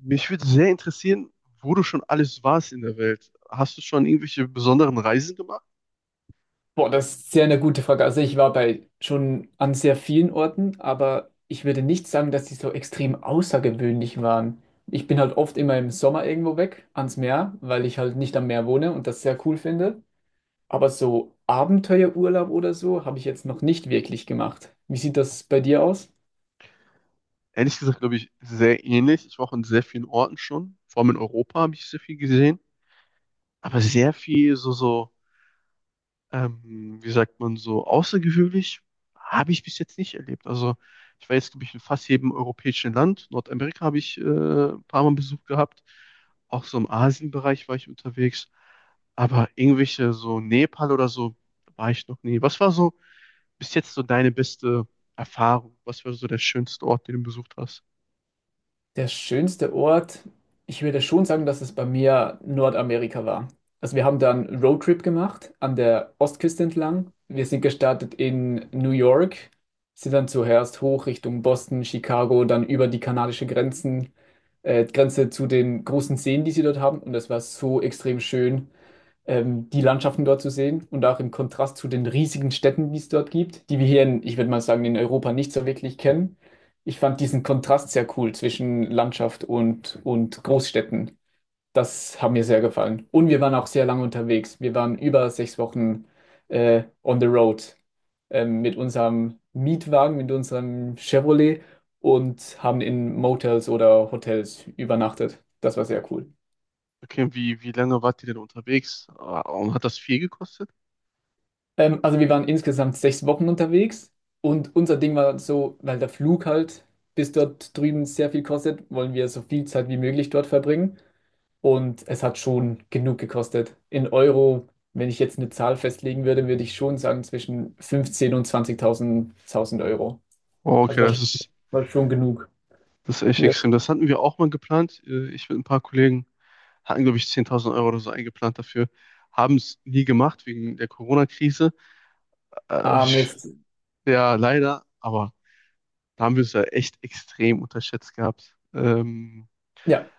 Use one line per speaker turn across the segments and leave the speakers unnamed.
Mich würde sehr interessieren, wo du schon alles warst in der Welt. Hast du schon irgendwelche besonderen Reisen gemacht?
Boah, das ist sehr eine gute Frage. Also ich war bei schon an sehr vielen Orten, aber ich würde nicht sagen, dass die so extrem außergewöhnlich waren. Ich bin halt oft immer im Sommer irgendwo weg ans Meer, weil ich halt nicht am Meer wohne und das sehr cool finde. Aber so Abenteuerurlaub oder so habe ich jetzt noch nicht wirklich gemacht. Wie sieht das bei dir aus?
Ehrlich gesagt, glaube ich, sehr ähnlich. Ich war auch in sehr vielen Orten schon. Vor allem in Europa habe ich sehr viel gesehen. Aber sehr viel wie sagt man, so außergewöhnlich habe ich bis jetzt nicht erlebt. Also ich war jetzt, glaube ich, in fast jedem europäischen Land. Nordamerika habe ich ein paar Mal Besuch gehabt. Auch so im Asienbereich war ich unterwegs. Aber irgendwelche so Nepal oder so war ich noch nie. Was war so bis jetzt so deine beste Erfahrung? Was war so der schönste Ort, den du besucht hast?
Der schönste Ort, ich würde schon sagen, dass es bei mir Nordamerika war. Also wir haben da einen Roadtrip gemacht an der Ostküste entlang. Wir sind gestartet in New York, sind dann zuerst hoch Richtung Boston, Chicago, dann über die kanadische Grenzen, Grenze zu den großen Seen, die sie dort haben. Und das war so extrem schön, die Landschaften dort zu sehen und auch im Kontrast zu den riesigen Städten, die es dort gibt, die wir hier in, ich würde mal sagen, in Europa nicht so wirklich kennen. Ich fand diesen Kontrast sehr cool zwischen Landschaft und Großstädten. Das hat mir sehr gefallen. Und wir waren auch sehr lange unterwegs. Wir waren über 6 Wochen on the road, mit unserem Mietwagen, mit unserem Chevrolet und haben in Motels oder Hotels übernachtet. Das war sehr cool.
Okay, wie lange wart ihr denn unterwegs? Ah, und hat das viel gekostet?
Also wir waren insgesamt 6 Wochen unterwegs und unser Ding war so, weil der Flug halt bis dort drüben sehr viel kostet, wollen wir so viel Zeit wie möglich dort verbringen. Und es hat schon genug gekostet. In Euro, wenn ich jetzt eine Zahl festlegen würde, würde ich schon sagen zwischen 15.000 und 20.000 1000 Euro.
Oh,
Also
okay,
war, war schon genug.
das ist echt
Ja.
extrem. Das hatten wir auch mal geplant. Ich mit ein paar Kollegen hatten, glaube ich, 10.000 Euro oder so eingeplant dafür. Haben es nie gemacht wegen der Corona-Krise. Äh,
Ah,
ich-
Mist.
Ja, leider. Aber da haben wir es ja echt extrem unterschätzt gehabt.
Ja,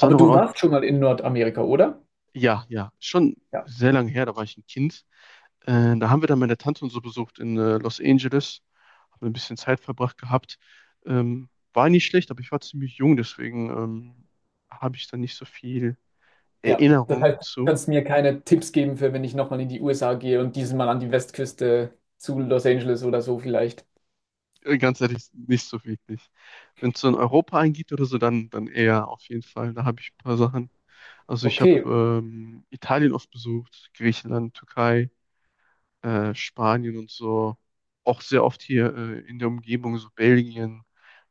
aber du
Ort,
warst schon mal in Nordamerika, oder?
ja, ja, schon sehr lange her. Da war ich ein Kind. Da haben wir dann meine Tante und so besucht in Los Angeles. Haben ein bisschen Zeit verbracht gehabt. War nicht schlecht, aber ich war ziemlich jung, deswegen habe ich da nicht so viel
Ja, das
Erinnerung
heißt, du
zu.
kannst mir keine Tipps geben für, wenn ich nochmal in die USA gehe und diesmal an die Westküste zu Los Angeles oder so vielleicht.
Ganz ehrlich, nicht so wirklich. Wenn es so in Europa eingeht oder so, dann eher auf jeden Fall. Da habe ich ein paar Sachen. Also ich habe
Okay,
Italien oft besucht, Griechenland, Türkei. Spanien und so. Auch sehr oft hier in der Umgebung, so Belgien,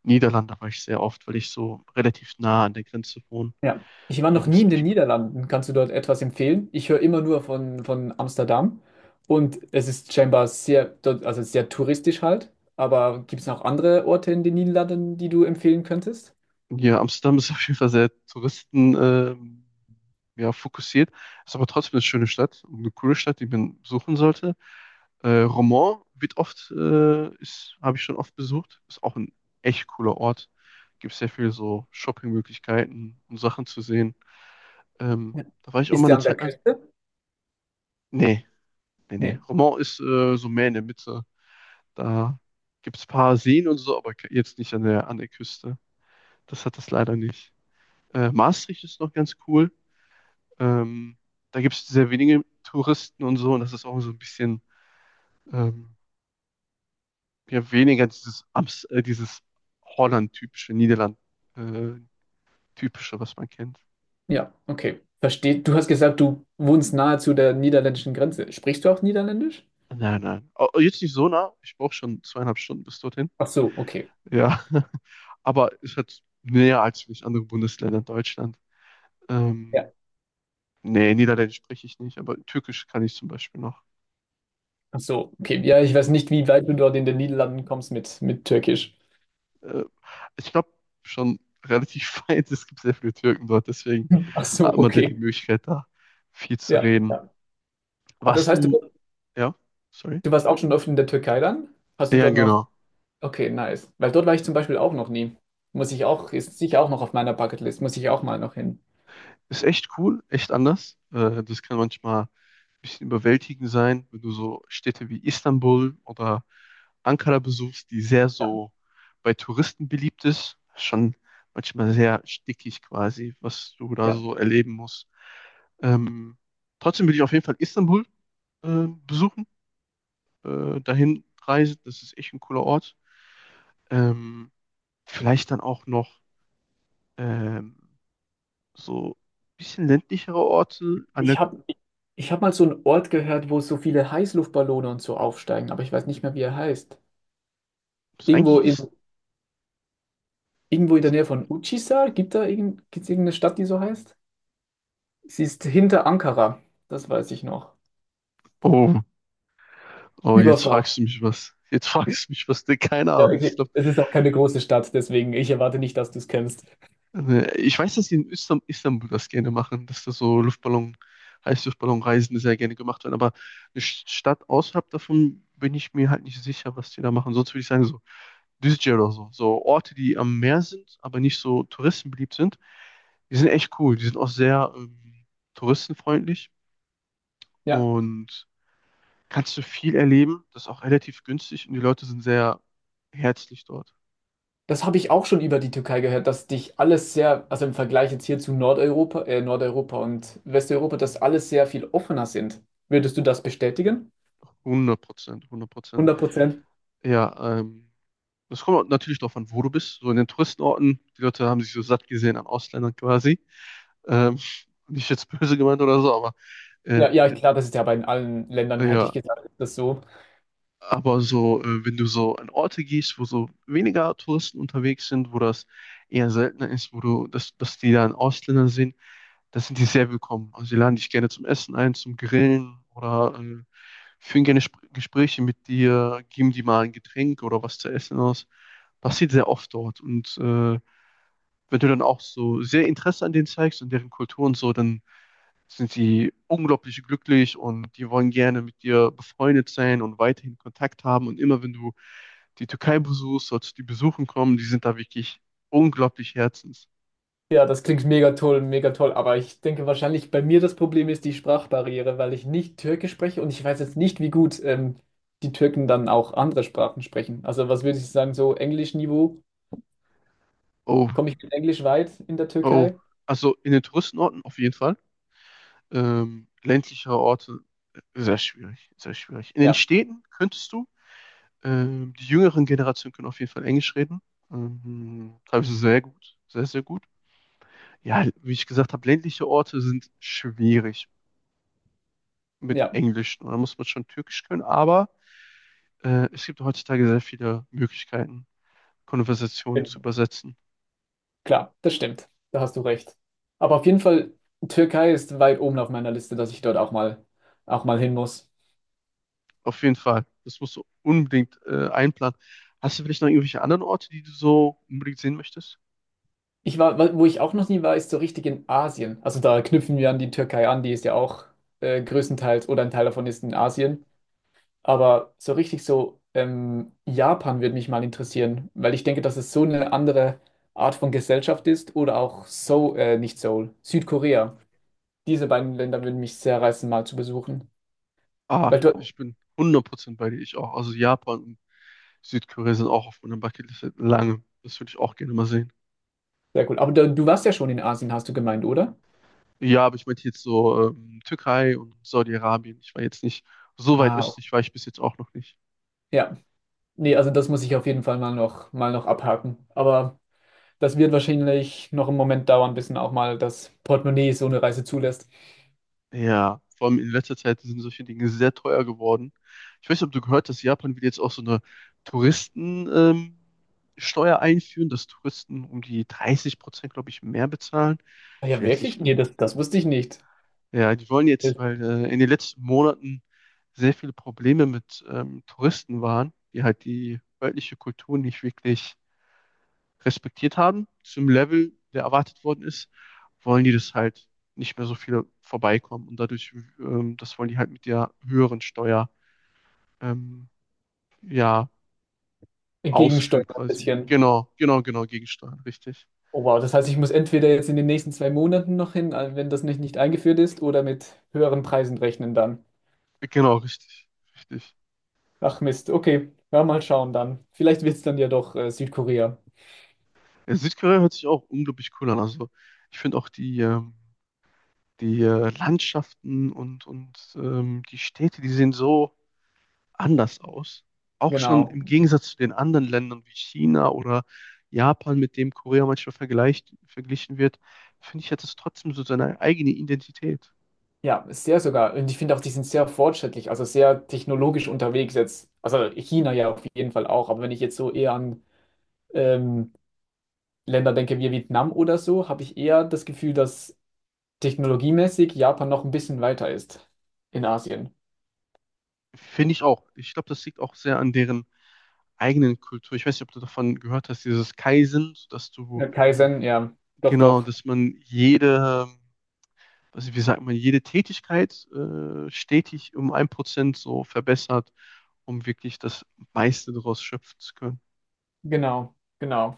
Niederlande war ich sehr oft, weil ich so relativ nah an der Grenze wohne.
ja. Ich war
Da
noch
gibt
nie
es
in den
echt.
Niederlanden. Kannst du dort etwas empfehlen? Ich höre immer nur von Amsterdam und es ist scheinbar sehr, dort, also sehr touristisch halt. Aber gibt es noch andere Orte in den Niederlanden, die du empfehlen könntest?
Hier Amsterdam ist auf jeden Fall sehr Touristen, ja, fokussiert. Ist aber trotzdem eine schöne Stadt und eine coole Stadt, die man besuchen sollte. Roermond wird habe ich schon oft besucht. Ist auch ein echt cooler Ort. Gibt sehr viel so Shoppingmöglichkeiten und Sachen zu sehen. Ähm,
Ja.
Da war ich auch mal
Ist der
eine
an der
Zeit lang.
Küste?
Nee, nee.
Nee.
Romont ist so mehr in der Mitte. Da gibt es ein paar Seen und so, aber jetzt nicht an an der Küste. Das hat das leider nicht. Maastricht ist noch ganz cool. Ähm, Da gibt es sehr wenige Touristen und so, und das ist auch so ein bisschen ähm, ja, weniger dieses Holland-typische, Niederland-typische, was man kennt.
Ja, okay. Versteht. Du hast gesagt, du wohnst nahe zu der niederländischen Grenze. Sprichst du auch Niederländisch?
Nein, nein. Oh, oh, jetzt nicht so nah. Ich brauche schon zweieinhalb Stunden bis dorthin.
Ach so, okay.
Ja. Aber es hat näher als vielleicht andere Bundesländer in Deutschland. Ähm,
Ja.
Nee, Niederländisch spreche ich nicht, aber Türkisch kann ich zum Beispiel noch.
Ach so, okay. Ja, ich weiß nicht, wie weit du dort in den Niederlanden kommst mit Türkisch.
Äh, Ich glaube schon relativ weit, es gibt sehr viele Türken dort, deswegen
Ach so,
hat man da die
okay.
Möglichkeit, da viel zu
Ja,
reden.
ja. Aber das
Warst
heißt,
du,
du,
ja, sorry?
du warst auch schon oft in der Türkei dann? Hast du
Ja,
dort noch?
genau.
Okay, nice. Weil dort war ich zum Beispiel auch noch nie. Muss ich auch, ist sicher auch noch auf meiner Bucketlist, muss ich auch mal noch hin.
Ist echt cool, echt anders. Das kann manchmal ein bisschen überwältigend sein, wenn du so Städte wie Istanbul oder Ankara besuchst, die sehr so bei Touristen beliebt ist. Schon manchmal sehr stickig quasi, was du da
Ja.
so erleben musst. Ähm, trotzdem will ich auf jeden Fall Istanbul besuchen, dahin reisen. Das ist echt ein cooler Ort. Ähm, vielleicht dann auch noch ähm, so ein bisschen ländlichere Orte. An der,
Ich habe ich hab mal so einen Ort gehört, wo so viele Heißluftballone und so aufsteigen, aber ich weiß nicht mehr, wie er heißt.
was
Irgendwo
eigentlich
in,
ist.
irgendwo in der Nähe von Uçhisar, gibt's irgendeine Stadt, die so heißt? Sie ist hinter Ankara, das weiß ich noch.
Oh, oh, jetzt fragst
Überfragt.
du mich was. Jetzt fragst du mich was. Ne, keine
Ja,
Ahnung.
okay. Es ist auch keine große Stadt, deswegen ich erwarte nicht, dass du es kennst.
Ich weiß, dass die in Istanbul das gerne machen, dass da so Luftballon, Heißluftballonreisen sehr gerne gemacht werden. Aber eine Stadt außerhalb davon bin ich mir halt nicht sicher, was die da machen. Sonst würde ich sagen, so Düzce oder so. So Orte, die am Meer sind, aber nicht so touristenbeliebt sind. Die sind echt cool. Die sind auch sehr touristenfreundlich
Ja,
und kannst du viel erleben. Das ist auch relativ günstig und die Leute sind sehr herzlich dort.
das habe ich auch schon über die Türkei gehört, dass dich alles sehr, also im Vergleich jetzt hier zu Nordeuropa und Westeuropa, dass alles sehr viel offener sind. Würdest du das bestätigen?
100 Prozent, 100 Prozent.
100%.
Ja, das kommt auch natürlich darauf an, wo du bist. So in den Touristenorten, die Leute haben sich so satt gesehen an Ausländern quasi. Ähm, nicht jetzt böse gemeint oder so, aber
Ja, ja,
ähm,
klar, das ist ja bei allen Ländern, hätte
ja,
ich gesagt, ist das so.
aber wenn du so an Orte gehst, wo so weniger Touristen unterwegs sind, wo das eher seltener ist, dass die dann Ausländer sehen, da sind die sehr willkommen. Also sie laden dich gerne zum Essen ein, zum Grillen oder führen gerne Sp Gespräche mit dir, geben dir mal ein Getränk oder was zu essen aus. Passiert sehr oft dort. Und wenn du dann auch so sehr Interesse an denen zeigst und deren Kultur und so, dann sind sie unglaublich glücklich und die wollen gerne mit dir befreundet sein und weiterhin Kontakt haben. Und immer wenn du die Türkei besuchst, solltest du die besuchen kommen. Die sind da wirklich unglaublich herzens.
Ja, das klingt mega toll, mega toll. Aber ich denke wahrscheinlich bei mir das Problem ist die Sprachbarriere, weil ich nicht Türkisch spreche und ich weiß jetzt nicht, wie gut, die Türken dann auch andere Sprachen sprechen. Also was würde ich sagen, so Englischniveau?
Oh,
Komme ich mit Englisch weit in der
oh.
Türkei?
Also in den Touristenorten auf jeden Fall. Ländlichere Orte, sehr schwierig, sehr schwierig. In den
Ja,
Städten könntest du, die jüngeren Generationen können auf jeden Fall Englisch reden. Teilweise sehr gut, sehr, sehr gut. Ja, wie ich gesagt habe, ländliche Orte sind schwierig mit
ja,
Englisch. Da muss man schon Türkisch können, aber es gibt heutzutage sehr viele Möglichkeiten, Konversationen zu
stimmt.
übersetzen.
klar, das stimmt. Da hast du recht. Aber auf jeden Fall, Türkei ist weit oben auf meiner Liste, dass ich dort auch mal hin muss.
Auf jeden Fall. Das musst du unbedingt einplanen. Hast du vielleicht noch irgendwelche anderen Orte, die du so unbedingt sehen möchtest?
Ich war, wo ich auch noch nie war, ist so richtig in Asien. Also da knüpfen wir an die Türkei an, die ist ja auch größtenteils oder ein Teil davon ist in Asien. Aber so richtig so Japan würde mich mal interessieren, weil ich denke, dass es so eine andere Art von Gesellschaft ist oder auch Seoul, nicht Seoul, Südkorea. Diese beiden Länder würden mich sehr reizen, mal zu besuchen.
Ah,
Weil du,
ich bin hundert Prozent bei dir. Ich auch. Also Japan und Südkorea sind auch auf meiner Bucketlist seit langem. Das würde ich auch gerne mal sehen.
sehr cool. Aber du warst ja schon in Asien, hast du gemeint, oder?
Ja, aber ich meinte jetzt so Türkei und Saudi-Arabien. Ich war jetzt nicht so weit
Ah,
östlich, war ich bis jetzt auch noch nicht.
ja. Nee, also das muss ich auf jeden Fall mal noch abhaken. Aber das wird wahrscheinlich noch einen Moment dauern, bis dann auch mal das Portemonnaie so eine Reise zulässt.
Ja, vor allem in letzter Zeit sind solche Dinge sehr teuer geworden. Ich weiß nicht, ob du gehört hast, dass Japan will jetzt auch so eine Touristen, ähm, Steuer einführen, dass Touristen um die 30 Prozent, glaube ich, mehr bezahlen.
Ah
Ich
ja,
will jetzt nicht
wirklich? Nee,
lügen.
das wusste ich nicht.
Ja, die wollen
Das
jetzt, weil in den letzten Monaten sehr viele Probleme mit Touristen waren, die halt die örtliche Kultur nicht wirklich respektiert haben, zum Level, der erwartet worden ist, wollen die das halt nicht mehr so viele vorbeikommen. Und dadurch, das wollen die halt mit der höheren Steuer, ähm, ja, ausführen
Gegensteuern ein
quasi.
bisschen.
Genau, genau, genau, gegensteuern, richtig.
Oh wow, das heißt, ich muss entweder jetzt in den nächsten 2 Monaten noch hin, wenn das nicht eingeführt ist, oder mit höheren Preisen rechnen dann.
Genau, richtig, richtig.
Ach Mist, okay. Ja, mal schauen dann. Vielleicht wird es dann ja doch Südkorea.
Ja, Südkorea hört sich auch unglaublich cool an. Also ich finde auch die, die Landschaften und die Städte, die sehen so anders aus. Auch schon
Genau.
im Gegensatz zu den anderen Ländern wie China oder Japan, mit dem Korea manchmal vergleicht, verglichen wird, finde ich, hat es trotzdem so seine eigene Identität.
Ja, sehr sogar. Und ich finde auch, die sind sehr fortschrittlich, also sehr technologisch unterwegs jetzt. Also China ja auf jeden Fall auch, aber wenn ich jetzt so eher an ähm, Länder denke, wie Vietnam oder so, habe ich eher das Gefühl, dass technologiemäßig Japan noch ein bisschen weiter ist in Asien.
Finde ich auch. Ich glaube, das liegt auch sehr an deren eigenen Kultur. Ich weiß nicht, ob du davon gehört hast, dieses Kaizen, dass du,
Ja, Kaizen, ja, doch,
genau,
doch,
dass man jede, also wie sagt man, jede Tätigkeit stetig um ein Prozent so verbessert, um wirklich das meiste daraus schöpfen zu können.
genau, genau.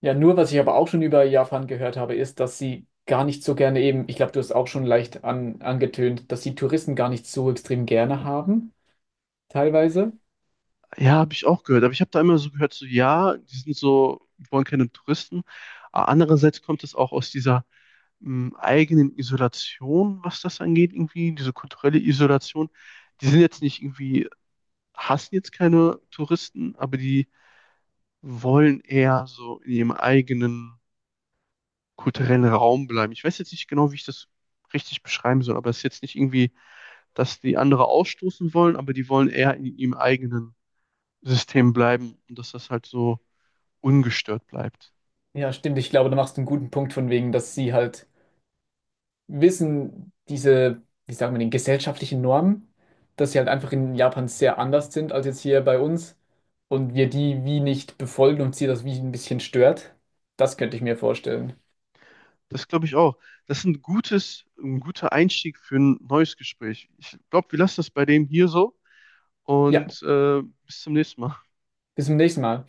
Ja, nur was ich aber auch schon über Japan gehört habe, ist, dass sie gar nicht so gerne eben, ich glaube, du hast auch schon leicht angetönt, dass sie Touristen gar nicht so extrem gerne haben, teilweise.
Ja, habe ich auch gehört. Aber ich habe da immer so gehört, so ja, die sind so, die wollen keine Touristen. Aber andererseits kommt es auch aus dieser eigenen Isolation, was das angeht, irgendwie, diese kulturelle Isolation. Die sind jetzt nicht irgendwie, hassen jetzt keine Touristen, aber die wollen eher so in ihrem eigenen kulturellen Raum bleiben. Ich weiß jetzt nicht genau, wie ich das richtig beschreiben soll, aber es ist jetzt nicht irgendwie, dass die andere ausstoßen wollen, aber die wollen eher in ihrem eigenen System bleiben und dass das halt so ungestört bleibt.
Ja, stimmt, ich glaube, da machst du einen guten Punkt von wegen, dass sie halt wissen diese, wie sagen wir, den gesellschaftlichen Normen, dass sie halt einfach in Japan sehr anders sind als jetzt hier bei uns und wir die wie nicht befolgen und sie das wie ein bisschen stört. Das könnte ich mir vorstellen.
Das glaube ich auch. Das ist ein ein guter Einstieg für ein neues Gespräch. Ich glaube, wir lassen das bei dem hier so
Ja,
und bis zum nächsten Mal.
bis zum nächsten Mal.